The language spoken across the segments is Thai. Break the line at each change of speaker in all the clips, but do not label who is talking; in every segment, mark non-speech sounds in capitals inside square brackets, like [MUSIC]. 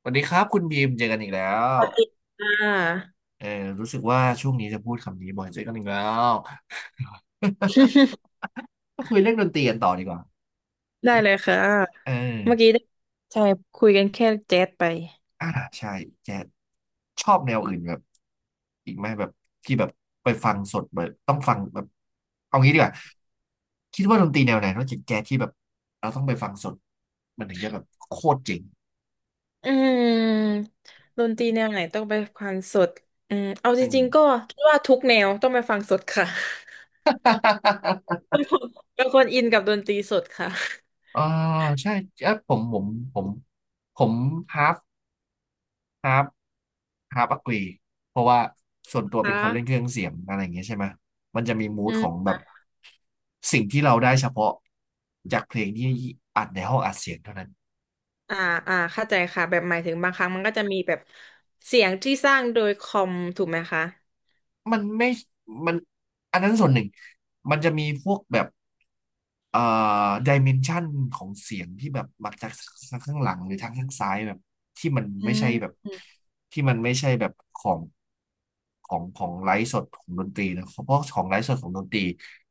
สวัสดีครับคุณบีมเจอกันอีกแล้
ส
ว
วัสดีค่ะ
เออรู้สึกว่าช่วงนี้จะพูดคำนี้บ่อยเจอกันอีกแล้ว
[LAUGHS]
[LAUGHS] ก็คุยเรื่องดนตรีกันต่อดีกว่า
ได้เลยค่ะ
เออ
เมื่อกี้ได้ใช่คุยกันแค่แจ๊สไป
อ่าใช่แกชอบแนวอื่นแบบอีกไหมแบบที่แบบไปฟังสดแบบต้องฟังแบบเอางี้ดีกว่าคิดว่าดนตรีแนวไหนนอกจากแจ๊สที่แบบเราต้องไปฟังสดมันถึงจะแบบโคตรเจ๋ง
อืมดนตรีแนวไหนต้องไปฟังสดอืมเอาจ
อืม
ริงๆก็คิดว่าทุกแนวต้องไปฟังสดค่ะ
[LAUGHS]
[LAUGHS] เป็นคนอินกับดนตรีสดค่ะ
เออใช่เออผมผมผมผมฮาฟฮาฟ ฮาร์ปอักลีเพราะว่าส่วนตัวเป็น
ค่ะ
คนเล่นเครื่องเสียงอะไรอย่างเงี้ยใช่ไหม มันจะมีมู
อื
ดของ
ม
แบบสิ่งที่เราได้เฉพาะจากเพลงที่อัดในห้องอัดเสียงเท่านั้น
อ่าอ่าเข้าใจค่ะแบบหมายถึงบางครั้งมันก็จะมีแบบเสียงที่สร้างโดยคอมถูกไหมคะ
มันไม่มันอันนั้นส่วนหนึ่งมันจะมีพวกแบบเอ่อดิเมนชันของเสียงที่แบบมาจากทางข้างหลังหรือทางข้างซ้ายแบบที่มัน
อื
ไม่
ม
ใช่แบบ
อืม
ที่มันไม่ใช่แบบของไลฟ์สดของดนตรีนะเพราะของไลฟ์สดของดนตรี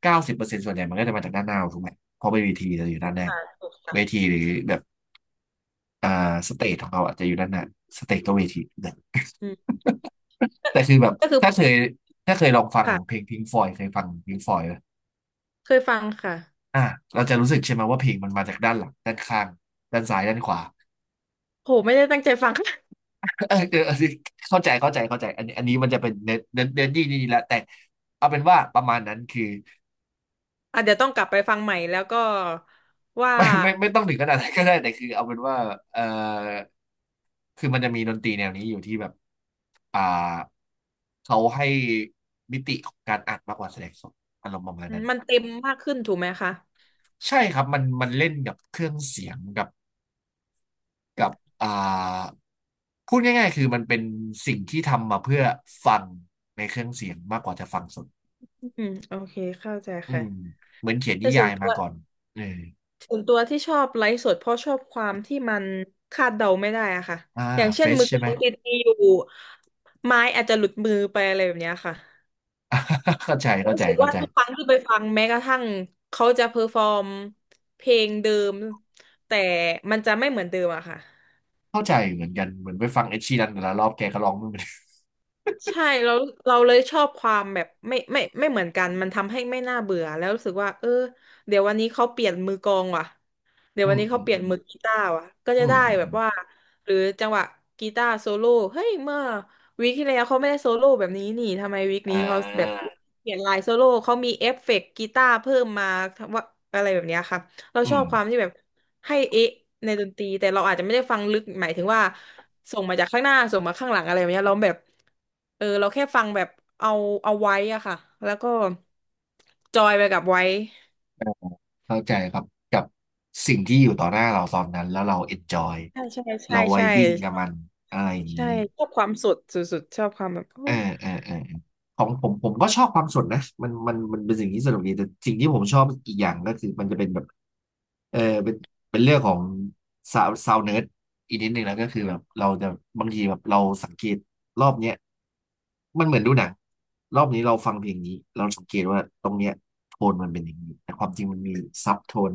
90%ส่วนใหญ่มันก็จะมาจากด้านหน้าถูกไหมเพราะเป็นเวทีจะอยู่ด้านหน้า
ค่ะถูก
เว
ค่ะ
ทีหรือแบบอ่าสเตจของเราอาจจะอยู่ด้านหน้าสเตจก็เวที
อืมก็
แต่คือแบบ
ก็คือ
ถ้าเคยถ้าเคยลองฟังของเพ
ค่ะ
ลงพิงฟอยเคยฟังพิงฟอยไหม
เคยฟังค่ะ
อ่ะเราจะรู้สึกใช่ไหมว่าเพลงมันมาจากด้านหลังด้านข้างด้านซ้ายด้านขวา
โหไม่ได้ตั้งใจฟัง
[LAUGHS] เออเออเข้าใจอันนี้มันจะเป็นเน้นที่นี่แหละแต่เอาเป็นว่าประมาณนั้นคือ
อ่ะเดี๋ยวต้องกลับไปฟังใหม่แล้วก็ว่า
[LAUGHS] ไม่ต้องถึงขนาดนั้นก็ได้แต่คือเอาเป็นว่าเออคือมันจะมีดนตรีแนวนี้อยู่ที่แบบอ่าเขาให้มิติของการอัดมากกว่าแสดงสดอารมณ์ประมาณนั้น
มันเต็มมากขึ้นถูกไหมคะ
ใช่ครับมันเล่นกับเครื่องเสียงกับอ่าพูดง่ายๆคือมันเป็นสิ่งที่ทำมาเพื่อฟังในเครื่องเสียงมากกว่าจะฟังสด
อืมโอเคเข้าใจ
อื
ค่ะ
มเหมือนเขียน
แต่
นิ
ส่
ยา
วน
ย
ตั
มา
ว
ก่อนเออ
ส่วนตัวที่ชอบไลฟ์สดเพราะชอบความที่มันคาดเดาไม่ได้อะค่ะ
อ่า
อย่าง
เฟ
เช่น
ช
มือก
ใช่ไหม
ลองดีๆอยู่ไม้อาจจะหลุดมือไปอะไรแบบเนี้ยค่ะ
[LAUGHS] เข้าใจเข้า
รู้
ใจ
สึก
เข้า
ว่า
ใจ
ทุกครั้งที่ไปฟังแม้กระทั่งเขาจะเพอร์ฟอร์มเพลงเดิมแต่มันจะไม่เหมือนเดิมอะค่ะ
เข้าใจเหมือนกันเหมือนไปฟังเอ็ดชีรันแต่ละรอบแกก็ร้องไม่เหมือน
ใช่เราเลยชอบความแบบไม่เหมือนกันมันทำให้ไม่น่าเบื่อแล้วรู้สึกว่าเออเดี๋ยววันนี้เขาเปลี่ยนมือกลองว่ะเดี๋ยว
อื
วัน
ม
นี้
อื
เขา
ม
เปลี่
อื
ยน
ม
มือกีตาร์ว่ะก็
อื
จะ
ม
ได้
อืม
แบ
อ
บว่า
ม
หรือจังหวะกีตาร์โซโล่เฮ้ยเมื่อวีคที่แล้วเขาไม่ได้โซโล่แบบนี้นี่ทำไมวีค
อ่
นี้เขาแบบ
า
เปลี่ยนลายโซโล่เขามีเอฟเฟกต์กีตาร์เพิ่มมาทำว่าอะไรแบบเนี้ยค่ะ เรา
อื
ชอ
ม
บความที่แบบให้เอ๊ะในดนตรีแต่เราอาจจะไม่ได้ฟังลึกหมายถึงว่าส่งมาจากข้างหน้าส่งมาข้างหลังอะไรแบบเนี้ยเราแบบเออเราแค่ฟังแบบเอาไว้อะค่ะแล้วก็จอยไปกับไว้
เข้าใจครับกับสิ่งที่อยู่ต่อหน้าเราตอนนั้นแล้วเราเอนจอย
ใช่ใช่ใช่
เราไว
ใช่
บิ้งกับมันอะไรอย่าง
ใช่
นี้
ชอบความสดสุดๆชอบความแบบโอ้
อ่าอ่าอ่าของผมก็ชอบความสดนะมันเป็นสิ่งที่สนุกดีแต่สิ่งที่ผมชอบอีกอย่างก็คือมันจะเป็นแบบเออเป็นเป็นเรื่องของซาวเนิร์ดอีกนิดนึงแล้วก็คือแบบเราจะบางทีแบบเราสังเกตรอบเนี้ยมันเหมือนดูหนังรอบนี้เราฟังเพลงนี้เราสังเกตว่าตรงเนี้ยโทนมันเป็นอย่างนี้แต่ความจริงมันมีซับโทน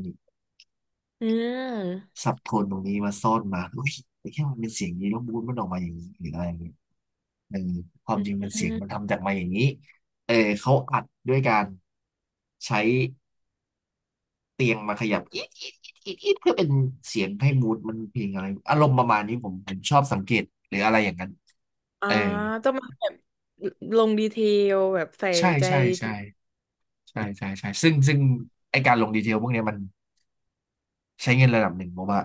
อืม
ซับโทนตรงนี้มาซ่อนมาอุ้ยแอ่แค่มันเป็นเสียงนี้แล้วมูดมันออกมาอย่างนี้หรืออะไรอย่างเงี้ย เออความจริง
อื
มันเสียงมัน
ม
ทำจากมาอย่างนี้เออเขาอัดด้วยการใช้เตียงมาขยับอีดอีดอีดอีดอีดเพื่อเป็นเสียงให้มูดมันเพลงอะไรอารมณ์ประมาณนี้ผมชอบสังเกตหรืออะไรอย่างนั้น
อ่า
เออ
ต้องมาแบบลงดีเทลแบบใส่
ใช่
ใจ
ใช่
ดีเท
ใช่
ล
ใช่ซึ่งไอการลงดีเทลพวกเนี้ยมันใช้เงินระดับหนึ่งเพราะว่า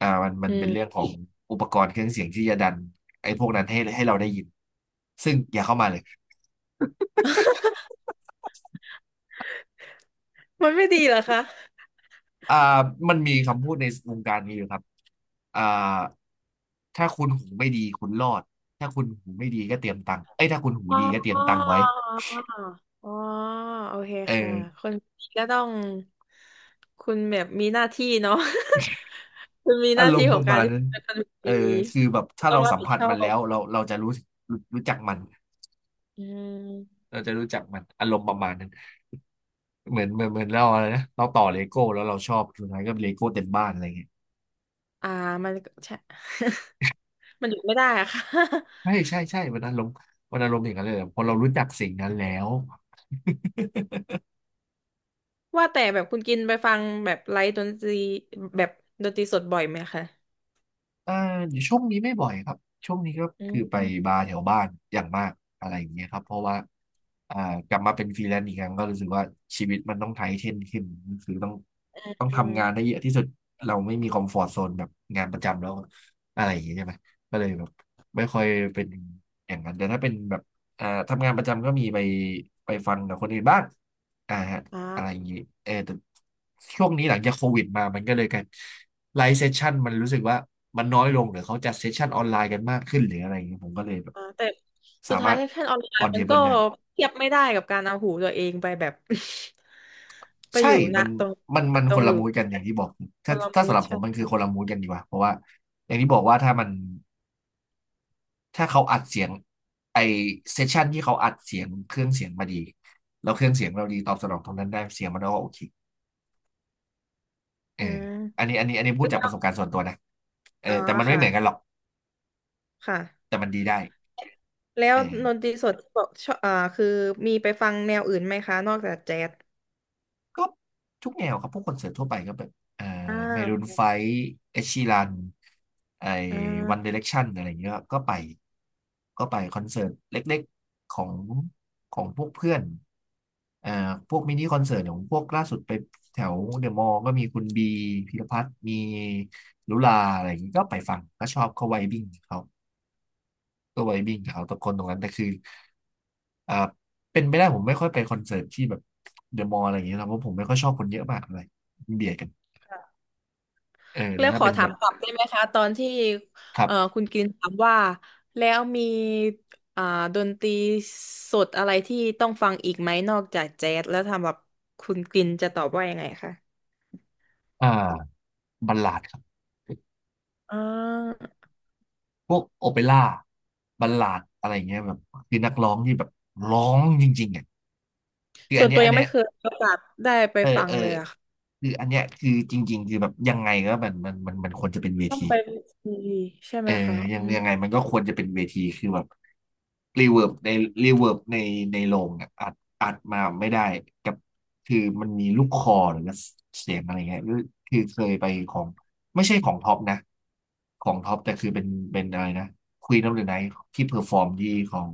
มันมั
อื
นเป็
ม
นเรื่องของอุปกรณ์เครื่องเสียงที่จะดันไอพวกนั้นให้เราได้ยินซึ่งอย่าเข้ามาเลย
[LAUGHS] มันไม่ดีเหรอคะ
อ่ามันมีคำพูดในวงการนี้อยู่ครับอ่าถ้าคุณหูไม่ดีคุณรอดถ้าคุณหูไม่ดีก็เตรียมตังค์เอ้ยถ้าคุณหู
อ
ดีก็เตรีย
๋
ม
อ
ตังค์ไว้
อ๋อโอเค
เอ
ค่ะ
อ
คนนี้ก็ต้องคุณแบบมีหน้าที่เนาะ [LAUGHS] คุณมีห
อา
น้า
ร
ที่
มณ์
ข
ป
อง
ระ
กา
มา
ร
ณ
ที่
นั้
คุ
น
ณเป็นคน
เออ
ดี
คือแบบ
คุณ
ถ้า
ต้อ
เรา
งรับ
สัม
ผิด
ผัส
ชอ
มันแล้
บ
วเราจะรู้จักมัน
อืม
เราจะรู้จักมันอารมณ์ประมาณนั้นเหมือนเราอะไรนะเราต่อเลโก้แล้วเราชอบสุดท้ายก็เลโก้เต็มบ้านอะไรเงี้ย
อ่ามันก็ใช่ [LAUGHS] มันหยุดไม่ได้อะค่ะ
ใช่มันอารมณ์อย่างนั้นเลยอะพอเรารู้จักสิ่งนั้นแล้ว
[LAUGHS] ว่าแต่แบบคุณกินไปฟังแบบไลฟ์ดนตรีแบบดนตรีสดบ่อยไหมคะ
อ่าช่วงนี้ไม่บ่อยครับช่วงนี้ก็
อื
คือไป
ม
บาร์แถวบ้านอย่างมากอะไรอย่างเงี้ยครับเพราะว่าอ่ากลับมาเป็นฟรีแลนซ์อีกครั้งก็รู้สึกว่าชีวิตมันต้องไทเทนขึ้นคือต้อง
อื
ทำงาน
ม
ได้เยอะที่สุดเราไม่มีคอมฟอร์ z โซนแบบงานประจำแล้วอะไรอย่างเงี้ยใช่ไหมก็เลยแบบไม่ค่อยเป็นอย่างนั้นแต่ถ้าเป็นแบบทำงานประจำก็มีไปฟังกับคนอื่นบ้างอ่าฮะอะไรอ
อ่า
ย่างงี้เออแต่ช่วงนี้หลังจากโควิดมามันก็เลยกัน ไลฟ์เซสชันมันรู้สึกว่ามันน้อยลงหรือเขาจัดเซสชันออนไลน์กันมากขึ้นหรืออะไรอย่างเงี้ยผมก็เลยแบบ
อ่าแต่สุ
สา
ด
มา
ท้าย
รถ
แพชั่นออนไล
ออน
น์
เท
มัน
เบิ
ก็
ลได้
เทียบไม่ได้กับการเอาหูตัวเองไปแบบ [LAUGHS] ไป
ใช่
อยู่ณ
มัน
ตรง
มัน
ตร
คน
งอ
ละ
ยู่
มูดกันอย่างที่บอก
ค
ถ้า
นละ
ถ้า
มู
สำ
ด
หรับผ
ใช่
มมัน
ไห
คือค
ม
นละมูดกันดีกว่าเพราะว่าอย่างที่บอกว่าถ้ามันถ้าเขาอัดเสียงไอเซสชันที่เขาอัดเสียงเครื่องเสียงมาดีแล้วเครื่องเสียงเราดีตอบสนองตรงนั้นได้เสียงมันก็โอเคเอ
อื
อ
ม
อันนี้พู
แล้
ดจากป
ว
ระสบการณ์ส่วนตัวนะเออ
อ๋อ
แต่มันไม่
ค่ะ
เหมือนกันหรอก
ค่ะ
แต่มันดีได้
แล้ว
เออ
ดนตรีสดบอกชอบอ่าคือมีไปฟังแนวอื่นไหมคะนอกจากแจ๊ส
ก็ทุกแนวครับพวกคอนเสิร์ตทั่วไปก็แบบเอ่อ
อ่
เมรูน
า
ไฟว์เอชีรันไอ
อ่
วันเด
า
เรคชั่นอะไรอย่างเงี้ยครับก็ไปก็ไปคอนเสิร์ตเล็กๆของของพวกเพื่อนเอ่อพวกมินิคอนเสิร์ตของพวกล่าสุดไปแถวเดอะมอลล์ก็มีคุณบีพีรพัฒน์มีลุลาอะไรอย่างงี้ก็ไปฟังก็ชอบเขาไวบิ้งเขา ตัวไวบิ้งเอาตะกอตรงนั้นแต่คืออ่าเป็นไม่ได้ผมไม่ค่อยไปคอนเสิร์ตที่แบบเดอะมอลล์อะไรอย่างเงี้ยนะเพราะผมไม่ค่อยชอบคนเยอะมากอะไรเบียดกันเออแต่
แล้ว
ถ้า
ขอ
เป็น
ถา
แบ
ม
บ
กลับได้ไหมคะตอนที่
ครั
เอ่อ
บ
คุณกินถามว่าแล้วมีอ่าดนตรีสดอะไรที่ต้องฟังอีกไหมนอกจากแจ๊สแล้วทำแบบคุณกินจะตอบว่ายังไงคะ
อ่าบัลลาดครับ
อ่า
พวกโอเปร่าบัลลาดอะไรอย่างเงี้ยแบบคือนักร้องที่แบบร้องจริงๆอ่ะคือ
ส่
อั
ว
น
น
เนี้
ตั
ย
ว
อั
ยั
น
ง
เนี้
ไม่
ย
เคยมีโอกาสได้ไป
เออ
ฟัง
เออ
เลยอะค่ะ
คืออันเนี้ยคือจริงๆคือแบบยังไงก็มันควรจะเป็นเว
ต้อง
ที
ไปดีใช่
เอ
ไหม
อ
คะ
ยั
อื
ง
ม
ยังไงมันก็ควรจะเป็นเวทีคือแบบรีเวิร์บในรีเวิร์บในในโรงอะอัดอัดมาไม่ได้กับคือมันมีลูกคอหรือเสียงอะไรเงี้ยหรือคือเคยไปของไม่ใช่ของท็อปนะของท็อปแต่คือเป็นเป็นอะไรนะควีนออฟเดอะไนท์ที่เพอร์ฟอร์มที่ของ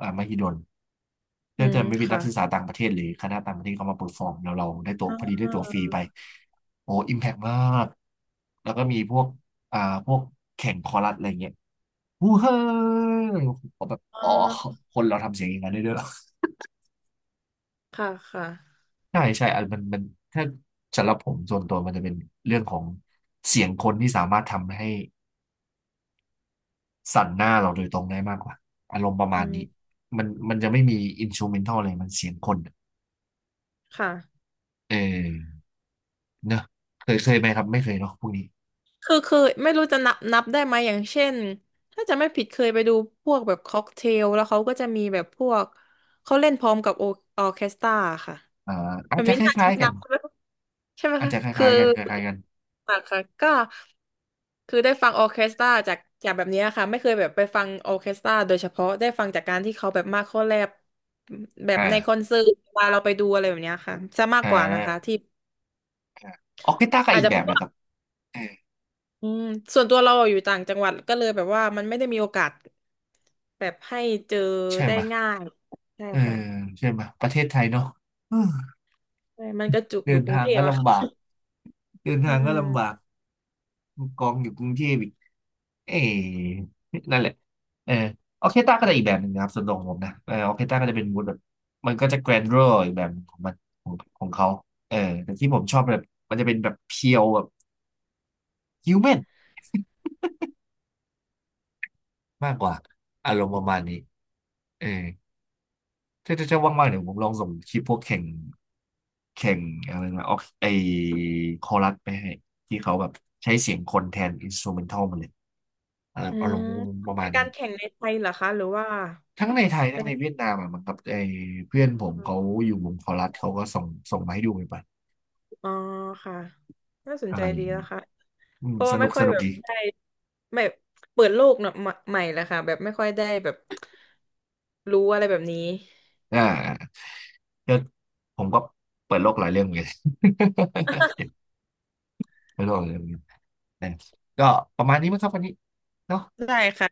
มหิดล
อื
น่าจะ
ม
ไม่เป็นนั
ค่ะ
กศึกษาต่างประเทศหรือคณะต่างประเทศเขามาเพอร์ฟอร์มแล้วเราได้ตัว
อ่
พอดีได้ตัวฟรี
า
ไปโอ้อิมแพกมากแล้วก็มีพวกอ่าพวกแข่งคอรัสอะไรเงี้ย ฮูเฮ้ยผมแบบ
อ่
อ๋อ
า
คนเราทำเสียงอย่างนั้นได้ด้วยเหรอ
ค่ะค่ะ
ใช่ใช่อันมันถ้าสำหรับผมส่วนตัวมันจะเป็นเรื่องของเสียงคนที่สามารถทำให้สั่นหน้าเราโดยตรงได้มากกว่าอารมณ์ประมาณ
อื
นี้
ม
มันจะไม่มีอินส r ูเมนทัลเลยมันเสียงคนอะ
ค่ะ
เออเนอะเคยไหมครับไม่เคยเนาะพวกนี้
คือไม่รู้จะนับได้ไหมอย่างเช่นถ้าจะไม่ผิดเคยไปดูพวกแบบค็อกเทลแล้วเขาก็จะมีแบบพวกเขาเล่นพร้อมกับโอออเคสตราค่ะ
อ่า
แบ
อาจ
บ
จะ
นี้
ค
น่าจะ
ล้าย
ไม่
ๆกั
นั
น
บ [LAUGHS] ใช่ไหม
อาจ
คะ
จะค
คือ
ล้ายๆกันคล้ายๆกัน
ค่ะค่ะก็คือได้ฟังออร์เคสตราจากแบบเนี้ยค่ะไม่เคยแบบไปฟังออร์เคสตราโดยเฉพาะได้ฟังจากการที่เขาแบบมาเข้าแลบแบบในคอ
อ่า
นเสิร์ตเวลาเราไปดูอะไรแบบเนี้ยค่ะจะมาก
อ่
กว่านะคะ
า
ที่
อาออกกีตาร์ก็
อาจ
อีก
จะ
แบ
เพ
บ
ราะ
เลย
ว่า
ครับเออ
อืมส่วนตัวเราอยู่ต่างจังหวัดก็เลยแบบว่ามันไม่ได้มีโอกาสแบบให้เจอ
ใช่
ได้
ไหมย
ง่ายใช่
เออ
ค่ะ
ใช่ไหมยประเทศไทยเนาะ
ใช่มันกระจุก
เดิ
อยู่
น
กรุ
ทา
ง
ง
เทพ
ก็
อะ
ลำบา
ค่ะ
กเดิน
อื
ทางก็ลำบาก
ม
กองอยู่กรุงเทพอีกเอ๊ะนั่นแหละเออออเคสตราก็จะอีกแบบหนึ่งนะครับสำหรับผมนะเออออเคสตราก็จะเป็นมูดแบบมันก็จะแกรนด์รออีกแบบของมันของของเขาเออแต่ที่ผมชอบแบบมันจะเป็นแบบเพียวแบบฮิวแมนมากกว่าอารมณ์ประมาณนี้เออถ้าจะว่างๆเดี๋ยวผมลองส่งคลิปพวกแข่งอะไรนะออกไอคอรัสไปให้ ที่เขาแบบใช้เสียงคนแทนอินส t ูเมนทัลมาเลย เออ
อื
อาร
ม
มณ์ประ
เป็
มา
น
ณ
กา
นี้
รแข่งในไทยเหรอคะหรือว่า
ทั้งในไทยทั้
เป็
ง
น
ในเวียดนามอ่ะมันกับไอ้เพื่อนผมเขาอยู่วงคอรัสเขาก็ส่งมาให้ดูไปบัด
อ๋อค่ะน่าสน
อะ
ใจ
ไรอ
ดี
ย่างนี้
นะคะ
อืม
เพราะ
ส
ว่าไม่
นุก
ค่
ส
อย
นุ
แบ
ก
บ
ดี
ได้ไม่เปิดโลกเนอะใหม่ใหม่แล้วค่ะแบบไม่ค่อยได้แบบรู้อะไรแบบนี้
อ่าก็ผมก็เปิดโลกหลายเรื่องเหมือนกัน
[LAUGHS]
[LAUGHS] เปิดโลกหลายเรื่องเหมือนกันนะก็ประมาณนี้มั้งครับวันนี้เนาะ
ได้ค่ะ